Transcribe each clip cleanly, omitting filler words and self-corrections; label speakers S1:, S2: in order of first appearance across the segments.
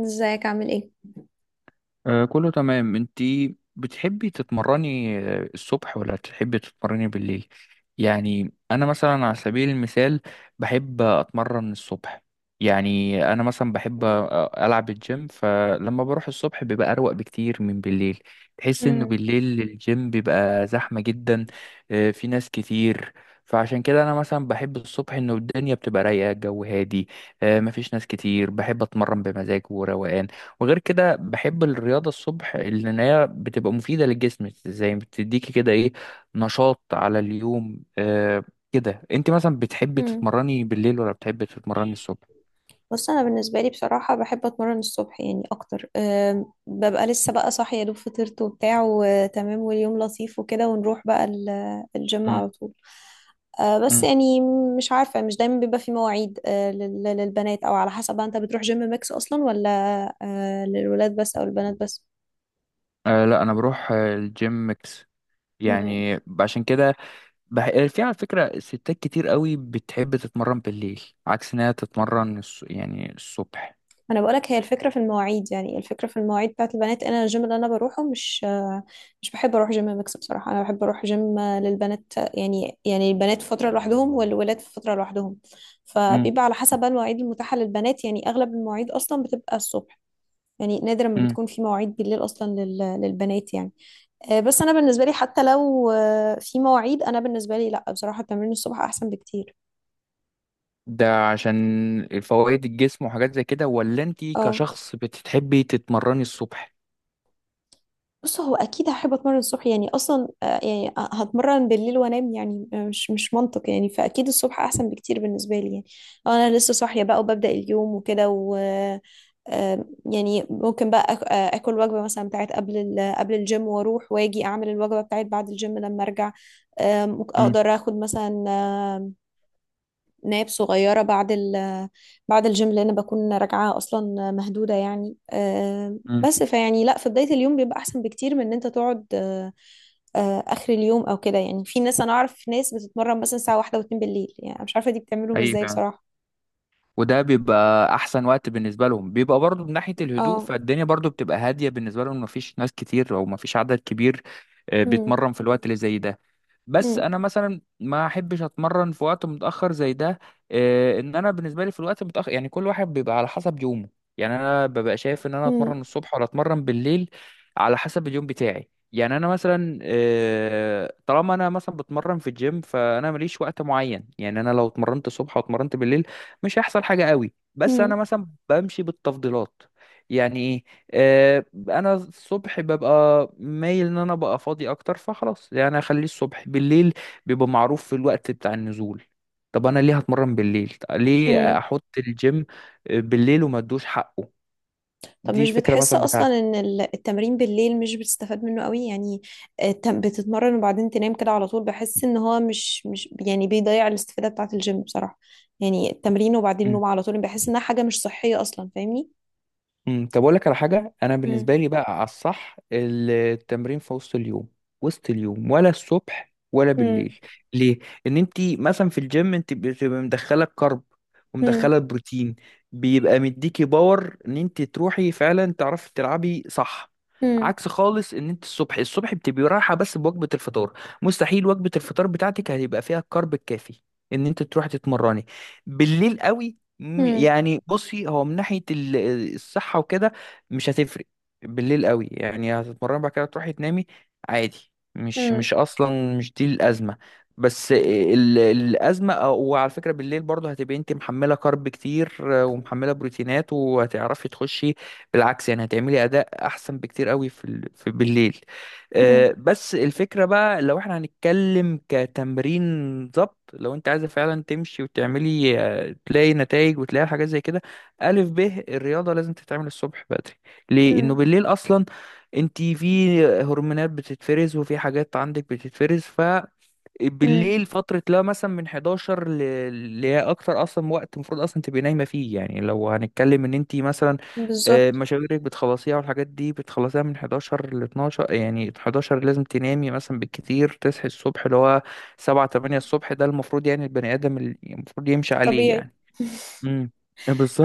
S1: ازيك عامل ايه؟
S2: آه، كله تمام. انتي بتحبي تتمرني الصبح ولا تحبي تتمرني بالليل؟ يعني انا مثلا على سبيل المثال بحب اتمرن الصبح. يعني انا مثلا بحب العب الجيم، فلما بروح الصبح بيبقى اروق بكتير من بالليل. تحس انه
S1: مم.
S2: بالليل الجيم بيبقى زحمة جدا. في ناس كتير. فعشان كده انا مثلا بحب الصبح، انه الدنيا بتبقى رايقة الجو هادي. مفيش ناس كتير، بحب اتمرن بمزاج وروقان. وغير كده بحب الرياضة الصبح لأن هي بتبقى مفيدة للجسم، زي بتديكي كده إيه، نشاط على اليوم كده أنت مثلا بتحبي
S1: مم.
S2: تتمرني بالليل ولا بتحبي تتمرني الصبح؟
S1: بص، انا بالنسبه لي بصراحه بحب اتمرن الصبح يعني اكتر. ببقى لسه بقى صاحيه يا دوب فطرت وبتاع وتمام واليوم لطيف وكده، ونروح بقى الجيم
S2: مم.
S1: على طول. بس
S2: مم.
S1: يعني مش عارفة، مش دايما بيبقى في مواعيد، للبنات، أو على حسب بقى. أنت بتروح جيم ميكس أصلا، ولا للولاد بس أو البنات بس؟
S2: آه لا، أنا بروح الجيم ميكس.
S1: مم.
S2: يعني عشان كده. بح... آه، في على فكرة ستات كتير قوي بتحب تتمرن بالليل عكس إنها تتمرن يعني الصبح.
S1: أنا بقولك، هي الفكرة في المواعيد، يعني الفكرة في المواعيد بتاعت البنات. أنا الجيم اللي أنا بروحه مش بحب أروح جيم ميكس بصراحة. أنا بحب أروح جيم للبنات، يعني يعني البنات في فترة لوحدهم والولاد في فترة لوحدهم.
S2: مم.
S1: فبيبقى على حسب بقى المواعيد المتاحة للبنات. يعني أغلب المواعيد أصلا بتبقى الصبح، يعني نادرا ما
S2: مم.
S1: بتكون في مواعيد بالليل أصلا للبنات يعني. بس انا بالنسبه لي، حتى لو في مواعيد، انا بالنسبه لي لا، بصراحه تمرين الصبح احسن بكتير.
S2: ده عشان فوائد الجسم وحاجات زي كده، ولا انت
S1: اه.
S2: كشخص بتحبي تتمرني الصبح؟
S1: بص، هو اكيد هحب اتمرن الصبح يعني اصلا. يعني هتمرن بالليل وانام؟ يعني مش منطق يعني، فاكيد الصبح احسن بكتير بالنسبه لي يعني. انا لسه صاحيه بقى وببدا اليوم وكده، و آه، يعني ممكن بقى اكل وجبه مثلا بتاعت قبل قبل الجيم، واروح واجي اعمل الوجبه بتاعت بعد الجيم لما ارجع. ممكن
S2: امم.
S1: اقدر اخد مثلا ناب صغيرة بعد بعد الجيم، لأن بكون راجعة أصلا مهدودة يعني.
S2: امم.
S1: بس فيعني لا، في بداية اليوم بيبقى أحسن بكتير من إن أنت تقعد آخر اليوم أو كده. يعني في ناس، أنا أعرف ناس بتتمرن مثلا الساعة واحدة واتنين بالليل، يعني مش عارفة دي بتعملهم
S2: اي
S1: إزاي
S2: فعلا.
S1: بصراحة.
S2: وده بيبقى احسن وقت بالنسبه لهم، بيبقى برضو من ناحيه الهدوء،
S1: اه.
S2: فالدنيا برضو بتبقى هاديه بالنسبه لهم، مفيش ناس كتير او مفيش عدد كبير
S1: مم.
S2: بيتمرن في الوقت اللي زي ده. بس
S1: مم.
S2: انا مثلا ما احبش اتمرن في وقت متاخر زي ده. ان انا بالنسبه لي في الوقت المتاخر، يعني كل واحد بيبقى على حسب يومه. يعني انا ببقى شايف ان انا
S1: مم.
S2: اتمرن الصبح ولا اتمرن بالليل على حسب اليوم بتاعي. يعني انا مثلا طالما انا مثلا بتمرن في الجيم فانا ماليش وقت معين. يعني انا لو اتمرنت الصبح واتمرنت بالليل مش هيحصل حاجه قوي، بس
S1: مم.
S2: انا مثلا بمشي بالتفضيلات. يعني إيه؟ انا الصبح ببقى مايل ان انا ببقى فاضي اكتر، فخلاص يعني اخليه الصبح. بالليل بيبقى معروف في الوقت بتاع النزول. طب انا ليه هتمرن بالليل؟ طب ليه
S1: مم.
S2: احط الجيم بالليل وما ادوش حقه؟
S1: طب
S2: دي
S1: مش
S2: فكرة
S1: بتحس
S2: مثلا
S1: اصلا
S2: بتاعتي.
S1: ان التمرين بالليل مش بتستفاد منه قوي يعني؟ بتتمرن وبعدين تنام كده على طول، بحس ان هو مش يعني بيضيع الاستفادة بتاعة الجيم بصراحة. يعني التمرين وبعدين نوم على طول، بحس انها حاجة مش صحية اصلا، فاهمني؟
S2: طب اقول لك على حاجه، انا
S1: مم.
S2: بالنسبه لي بقى على الصح التمرين في وسط اليوم. وسط اليوم ولا الصبح ولا بالليل؟
S1: مم.
S2: ليه؟ ان انت مثلا في الجيم انت بتبقى مدخله الكرب
S1: مم.
S2: ومدخله البروتين، بيبقى مديكي باور ان انت تروحي فعلا تعرفي تلعبي صح.
S1: مم.
S2: عكس خالص ان انت الصبح، الصبح بتبقي رايحه بس بوجبه الفطار. مستحيل وجبه الفطار بتاعتك هيبقى فيها الكرب الكافي ان انت تروحي تتمرني بالليل قوي.
S1: مم.
S2: يعني بصي، هو من ناحية الصحة وكده مش هتفرق. بالليل قوي يعني هتتمرن بعد كده تروحي تنامي عادي، مش
S1: مم.
S2: مش أصلا مش دي الأزمة. بس الأزمة وعلى فكرة بالليل برضه هتبقي أنت محملة كارب كتير ومحملة بروتينات وهتعرفي تخشي بالعكس. يعني هتعملي أداء أحسن بكتير قوي في بالليل.
S1: مم.
S2: بس الفكرة بقى لو احنا هنتكلم كتمرين ضبط، لو انت عايزة فعلا تمشي وتعملي تلاقي نتائج وتلاقي حاجات زي كده، ألف ب الرياضة لازم تتعمل الصبح بدري. ليه؟ إنه
S1: مم.
S2: بالليل أصلا انت في هرمونات بتتفرز وفي حاجات عندك بتتفرز
S1: مم.
S2: بالليل، فترة لا مثلا من 11 اللي هي أكتر أصلا وقت المفروض أصلا تبقي نايمة فيه. يعني لو هنتكلم إن أنت مثلا
S1: بالظبط.
S2: مشاويرك بتخلصيها والحاجات دي بتخلصيها من 11 ل 12، يعني 11 لازم تنامي مثلا بالكتير، تصحي الصبح اللي هو 7 8 الصبح، ده المفروض يعني البني آدم اللي المفروض يمشي عليه.
S1: الطبيعي.
S2: يعني امم.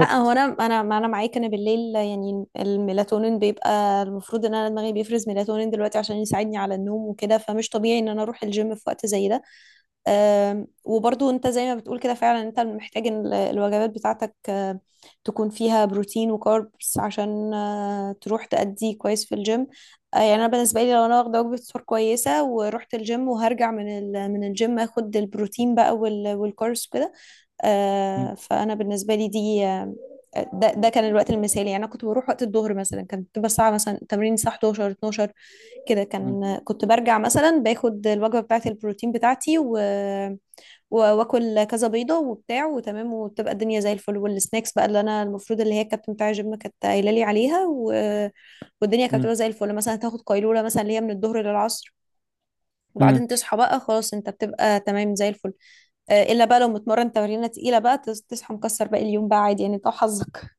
S1: لا، هو انا، انا ما انا معاك. انا بالليل يعني الميلاتونين بيبقى، المفروض ان انا دماغي بيفرز ميلاتونين دلوقتي عشان يساعدني على النوم وكده، فمش طبيعي ان انا اروح الجيم في وقت زي ده. وبرضو انت زي ما بتقول كده، فعلا انت محتاج إن الوجبات بتاعتك تكون فيها بروتين وكاربس عشان تروح تأدي كويس في الجيم. يعني انا بالنسبه لي، لو انا واخده وجبه سحور كويسه ورحت الجيم، وهرجع من من الجيم، اخد البروتين بقى والكاربس وكده.
S2: مم.
S1: فانا بالنسبه لي دي ده كان الوقت المثالي. يعني انا كنت بروح وقت الظهر مثلا، كانت بتبقى الساعه، مثلا تمرين الساعه 11 12 كده،
S2: مم.
S1: كان كنت برجع مثلا باخد الوجبه بتاعه البروتين بتاعتي، و واكل كذا بيضه وبتاع وتمام، وبتبقى الدنيا زي الفل، والسناكس بقى اللي انا المفروض، اللي هي الكابتن بتاع الجيم كانت قايله لي عليها، و... والدنيا كانت بتبقى زي الفل. مثلا تاخد قيلوله مثلا، اللي هي من الظهر للعصر،
S2: مم.
S1: وبعدين تصحى بقى خلاص، انت بتبقى تمام زي الفل. الا بقى لو متمرن تمرينه تقيله بقى، صحى مكسر باقي اليوم، بقى عادي يعني، انت وحظك.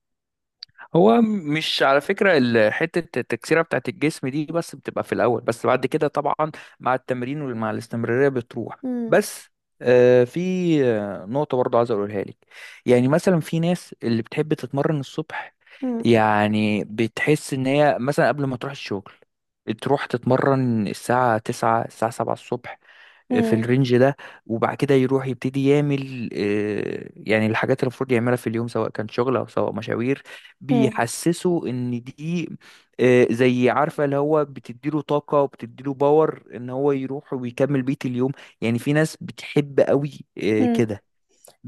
S2: هو مش على فكرة حتة التكسيرة بتاعت الجسم دي بس بتبقى في الأول، بس بعد كده طبعا مع التمرين ومع الاستمرارية بتروح.
S1: مم.
S2: بس في نقطة برضو عايز أقولها لك. يعني مثلا في ناس اللي بتحب تتمرن الصبح،
S1: مم.
S2: يعني بتحس إن هي مثلا قبل ما تروح الشغل تروح تتمرن الساعة 9 الساعة 7 الصبح، في
S1: مم.
S2: الرينج ده، وبعد كده يروح يبتدي يعمل يعني الحاجات اللي المفروض يعملها في اليوم، سواء كان شغل او سواء مشاوير.
S1: مم.
S2: بيحسسه ان دي زي عارفه اللي هو بتديله طاقه وبتديله باور ان هو يروح ويكمل بقيه اليوم. يعني في ناس بتحب قوي
S1: مم.
S2: كده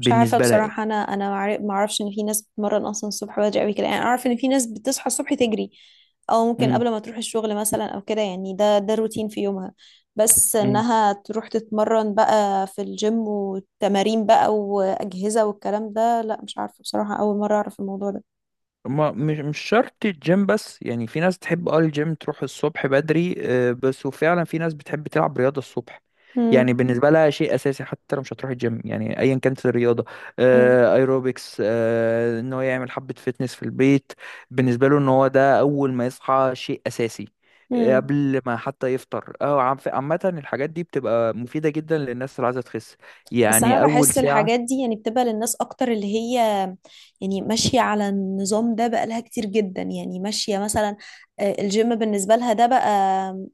S1: مش عارفه
S2: لها يعني.
S1: بصراحه. انا ما اعرفش ان في ناس بتتمرن اصلا الصبح بدري قوي كده يعني. اعرف ان في ناس بتصحى الصبح تجري، او ممكن
S2: إمم،
S1: قبل ما تروح الشغل مثلا او كده، يعني ده الروتين في يومها. بس
S2: إمم.
S1: انها تروح تتمرن بقى في الجيم، وتمارين بقى واجهزه والكلام ده، لا مش عارفه بصراحه، اول مره اعرف الموضوع ده.
S2: ما مش شرط الجيم بس، يعني في ناس تحب الجيم تروح الصبح بدري بس، وفعلا في ناس بتحب تلعب رياضة الصبح.
S1: مم.
S2: يعني بالنسبة لها شيء أساسي حتى لو مش هتروح الجيم، يعني أيا كانت الرياضة،
S1: مم.
S2: أيروبكس إن هو يعمل حبة فتنس في البيت، بالنسبة له إن هو ده أول ما يصحى شيء أساسي.
S1: مم.
S2: قبل ما حتى يفطر، عامة الحاجات دي بتبقى مفيدة جدا للناس اللي عايزة تخس،
S1: بس انا
S2: يعني أول
S1: بحس الحاجات
S2: ساعة.
S1: دي يعني بتبقى للناس اكتر، اللي هي يعني ماشيه على النظام ده بقالها كتير جدا، يعني ماشيه مثلا. الجيم بالنسبه لها ده بقى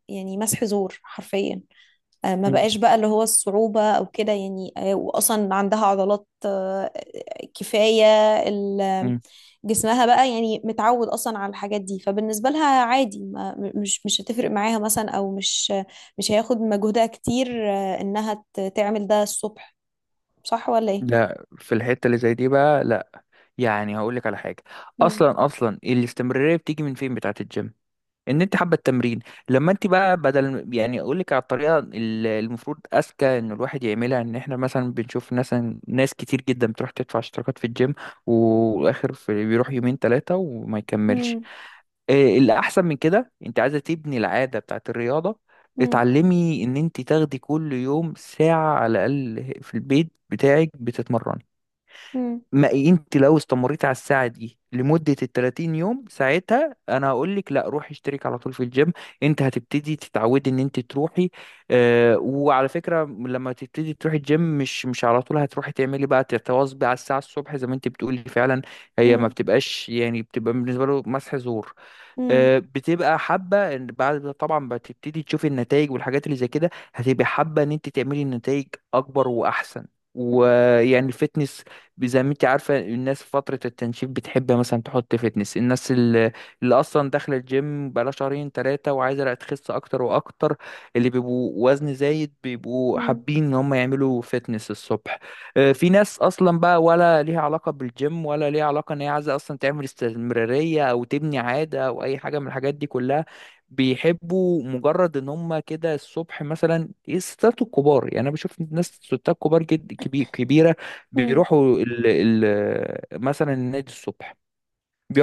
S1: يعني مسح زور حرفيا. ما
S2: مم.
S1: بقاش بقى اللي هو الصعوبة أو كده يعني. وأصلا عندها عضلات كفاية. ال-
S2: مم.
S1: جسمها بقى يعني متعود أصلا على الحاجات دي، فبالنسبة لها عادي، ما مش مش هتفرق معاها مثلا، أو مش هياخد مجهودها كتير. إنها تعمل ده الصبح. صح ولا ايه؟
S2: لا، في الحتة اللي زي دي بقى لا. يعني هقول لك على حاجه،
S1: مم.
S2: اصلا اصلا الاستمراريه بتيجي من فين بتاعه الجيم؟ ان انت حابه التمرين. لما انت بقى بدل، يعني اقول لك على الطريقه المفروض اذكى ان الواحد يعملها، ان احنا مثلا بنشوف ناس كتير جدا بتروح تدفع اشتراكات في الجيم، واخر في بيروح يومين ثلاثه وما يكملش.
S1: مم.
S2: إيه الاحسن من كده؟ انت عايزه تبني العاده بتاعه الرياضه،
S1: مم.
S2: اتعلمي ان انت تاخدي كل يوم ساعه على الاقل في البيت بتاعك بتتمرن.
S1: مم.
S2: ما انت لو استمريت على الساعة دي لمدة ال 30 يوم، ساعتها انا هقول لك لا، روحي اشترك على طول في الجيم، انت هتبتدي تتعودي ان انت تروحي. اه، وعلى فكرة لما تبتدي تروحي الجيم مش على طول هتروحي تعملي بقى تتواظبي على الساعة الصبح زي ما انت بتقولي فعلا. هي ما
S1: مم.
S2: بتبقاش يعني بتبقى بالنسبة له مسح زور.
S1: مم.
S2: بتبقى حابه ان بعد ما طبعا بتبتدي تشوفي النتائج والحاجات اللي زي كده، هتبقى حابه ان انت تعملي نتائج اكبر واحسن. ويعني الفتنس زي ما انت عارفه، الناس في فتره التنشيف بتحب مثلا تحط فتنس، الناس اللي اصلا داخله الجيم بقالها شهرين ثلاثه وعايزه تخس اكتر واكتر، اللي بيبقوا وزن زايد بيبقوا
S1: مم.
S2: حابين ان هم يعملوا فتنس الصبح. في ناس اصلا بقى ولا ليها علاقه بالجيم ولا ليها علاقه ان هي عايزه اصلا تعمل استمراريه او تبني عاده او اي حاجه من الحاجات دي كلها، بيحبوا مجرد ان هم كده الصبح. مثلا الستات الكبار، يعني انا بشوف ناس ستات كبار جد كبيره،
S1: مم.
S2: بيروحوا ال ال مثلا النادي الصبح،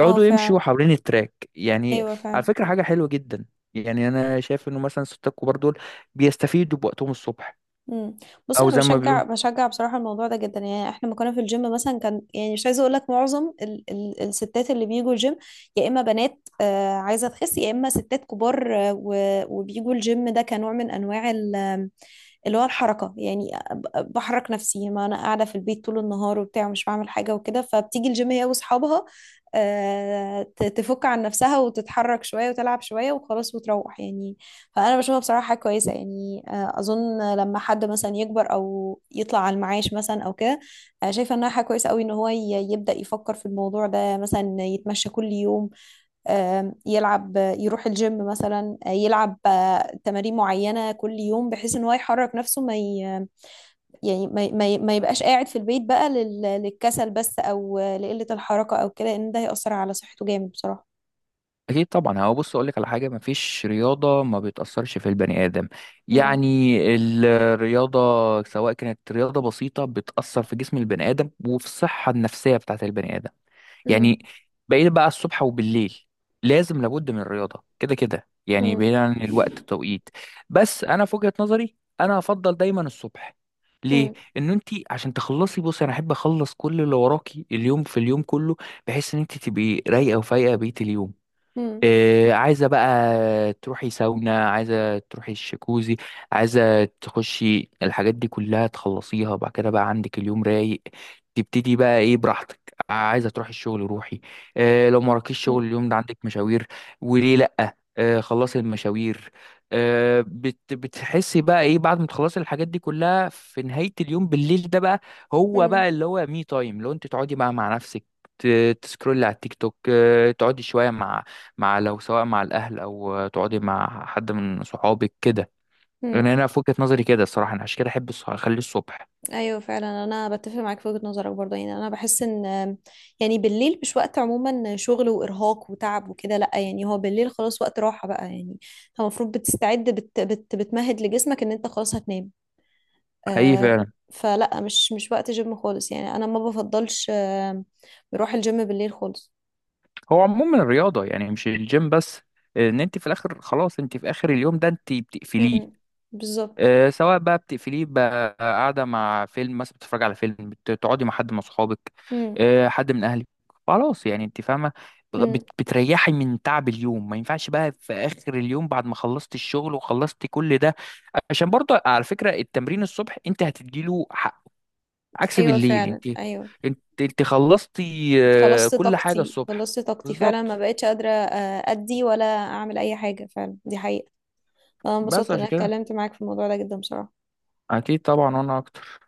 S1: اه
S2: يمشوا
S1: فعلا.
S2: حوالين التراك يعني.
S1: ايوه
S2: على
S1: فعلا.
S2: فكره حاجه حلوه جدا، يعني انا شايف انه مثلا الستات الكبار دول بيستفيدوا بوقتهم الصبح،
S1: مم. بص،
S2: او
S1: انا
S2: زي ما
S1: بشجع
S2: بيقولوا.
S1: بشجع بصراحه الموضوع ده جدا. يعني احنا لما كنا في الجيم مثلا، كان يعني، مش عايزه اقول لك، معظم ال الستات اللي بيجوا الجيم، يا اما بنات عايزه تخس، يا اما ستات كبار وبيجوا الجيم ده كنوع من انواع اللي هو الحركة. يعني بحرك نفسي، ما أنا قاعدة في البيت طول النهار وبتاع ومش بعمل حاجة وكده، فبتيجي الجيم هي وأصحابها، تفك عن نفسها وتتحرك شوية وتلعب شوية وخلاص وتروح يعني. فأنا بشوفها بصراحة حاجة كويسة يعني. أظن لما حد مثلا يكبر أو يطلع على المعاش مثلا أو كده، شايفة إنها حاجة كويسة أوي إن هو يبدأ يفكر في الموضوع ده، مثلا يتمشى كل يوم، يلعب، يروح الجيم مثلا، يلعب تمارين معينة كل يوم، بحيث ان هو يحرك نفسه. ما ي... يعني ما يبقاش قاعد في البيت بقى للكسل بس، او لقلة الحركة او كده، ان ده هيأثر على صحته جامد بصراحة.
S2: اكيد طبعا، هو بص اقول لك على حاجه، مفيش رياضه ما بتاثرش في البني ادم.
S1: مم.
S2: يعني الرياضه سواء كانت رياضه بسيطه بتاثر في جسم البني ادم وفي الصحه النفسيه بتاعت البني ادم، يعني
S1: مم.
S2: بقيت بقى الصبح وبالليل لازم لابد من الرياضه كده كده، يعني
S1: مم.
S2: بعيد عن الوقت التوقيت. بس انا في وجهه نظري انا افضل دايما الصبح. ليه؟
S1: مم.
S2: ان انت عشان تخلصي، بصي انا احب اخلص كل اللي وراكي اليوم في اليوم كله، بحيث ان انت تبقي رايقه وفايقه بقيه اليوم.
S1: مم.
S2: إيه، عايزة بقى تروحي ساونا، عايزة تروحي الشكوزي، عايزة تخشي الحاجات دي كلها، تخلصيها بعد كده بقى عندك اليوم رايق. تبتدي بقى ايه براحتك، عايزة تروحي الشغل روحي. إيه لو ما وراكيش شغل اليوم ده عندك مشاوير، وليه لأ؟ إيه، خلصي المشاوير. إيه بت بتحسي بقى ايه بعد ما تخلصي الحاجات دي كلها في نهاية اليوم؟ بالليل ده بقى هو
S1: مم.
S2: بقى اللي هو مي تايم لو انت تقعدي بقى مع نفسك، تسكرولي على التيك توك، تقعدي شوية مع مع لو سواء مع الأهل أو تقعدي مع حد من صحابك كده. يعني
S1: مم.
S2: أنا في وجهة نظري كده الصراحة، أنا عشان كده أحب أخليه الصبح.
S1: ايوه فعلا، انا بتفق معاك في وجهة نظرك برضه. يعني انا بحس ان، يعني بالليل مش وقت عموما شغل وارهاق وتعب وكده، لا يعني هو بالليل خلاص وقت راحة بقى يعني. انت المفروض بتستعد، بت بت بتمهد لجسمك ان انت خلاص هتنام.
S2: حقيقي
S1: آه.
S2: فعلا.
S1: فلا، مش وقت جيم خالص يعني، انا ما بفضلش آه، بروح الجيم بالليل خالص.
S2: هو عموما الرياضة يعني مش الجيم بس، إن أنت في الآخر خلاص أنت في آخر اليوم ده أنت بتقفليه.
S1: امم. بالظبط.
S2: سواء بقى بتقفليه بقى قاعدة مع فيلم، مثلا بتتفرج على فيلم، بتقعدي مع حد من أصحابك،
S1: امم.
S2: حد من أهلك، خلاص يعني أنت فاهمة.
S1: امم.
S2: بتريحي من تعب اليوم، ما ينفعش بقى في آخر اليوم بعد ما خلصت الشغل وخلصت كل ده. عشان برضه على فكرة التمرين الصبح أنت هتديله حق عكس
S1: ايوه
S2: بالليل.
S1: فعلا،
S2: أنت
S1: ايوه.
S2: أنت أنت خلصتي
S1: خلصت
S2: كل حاجة
S1: طاقتي،
S2: الصبح.
S1: خلصت طاقتي فعلا، ما
S2: بالظبط.
S1: بقتش قادرة ادي ولا اعمل اي حاجة، فعلا دي حقيقة. انا
S2: بس
S1: انبسطت ان
S2: عشان
S1: انا
S2: كده،
S1: اتكلمت معاك في الموضوع ده جدا بصراحة.
S2: أكيد طبعا وأنا أكتر.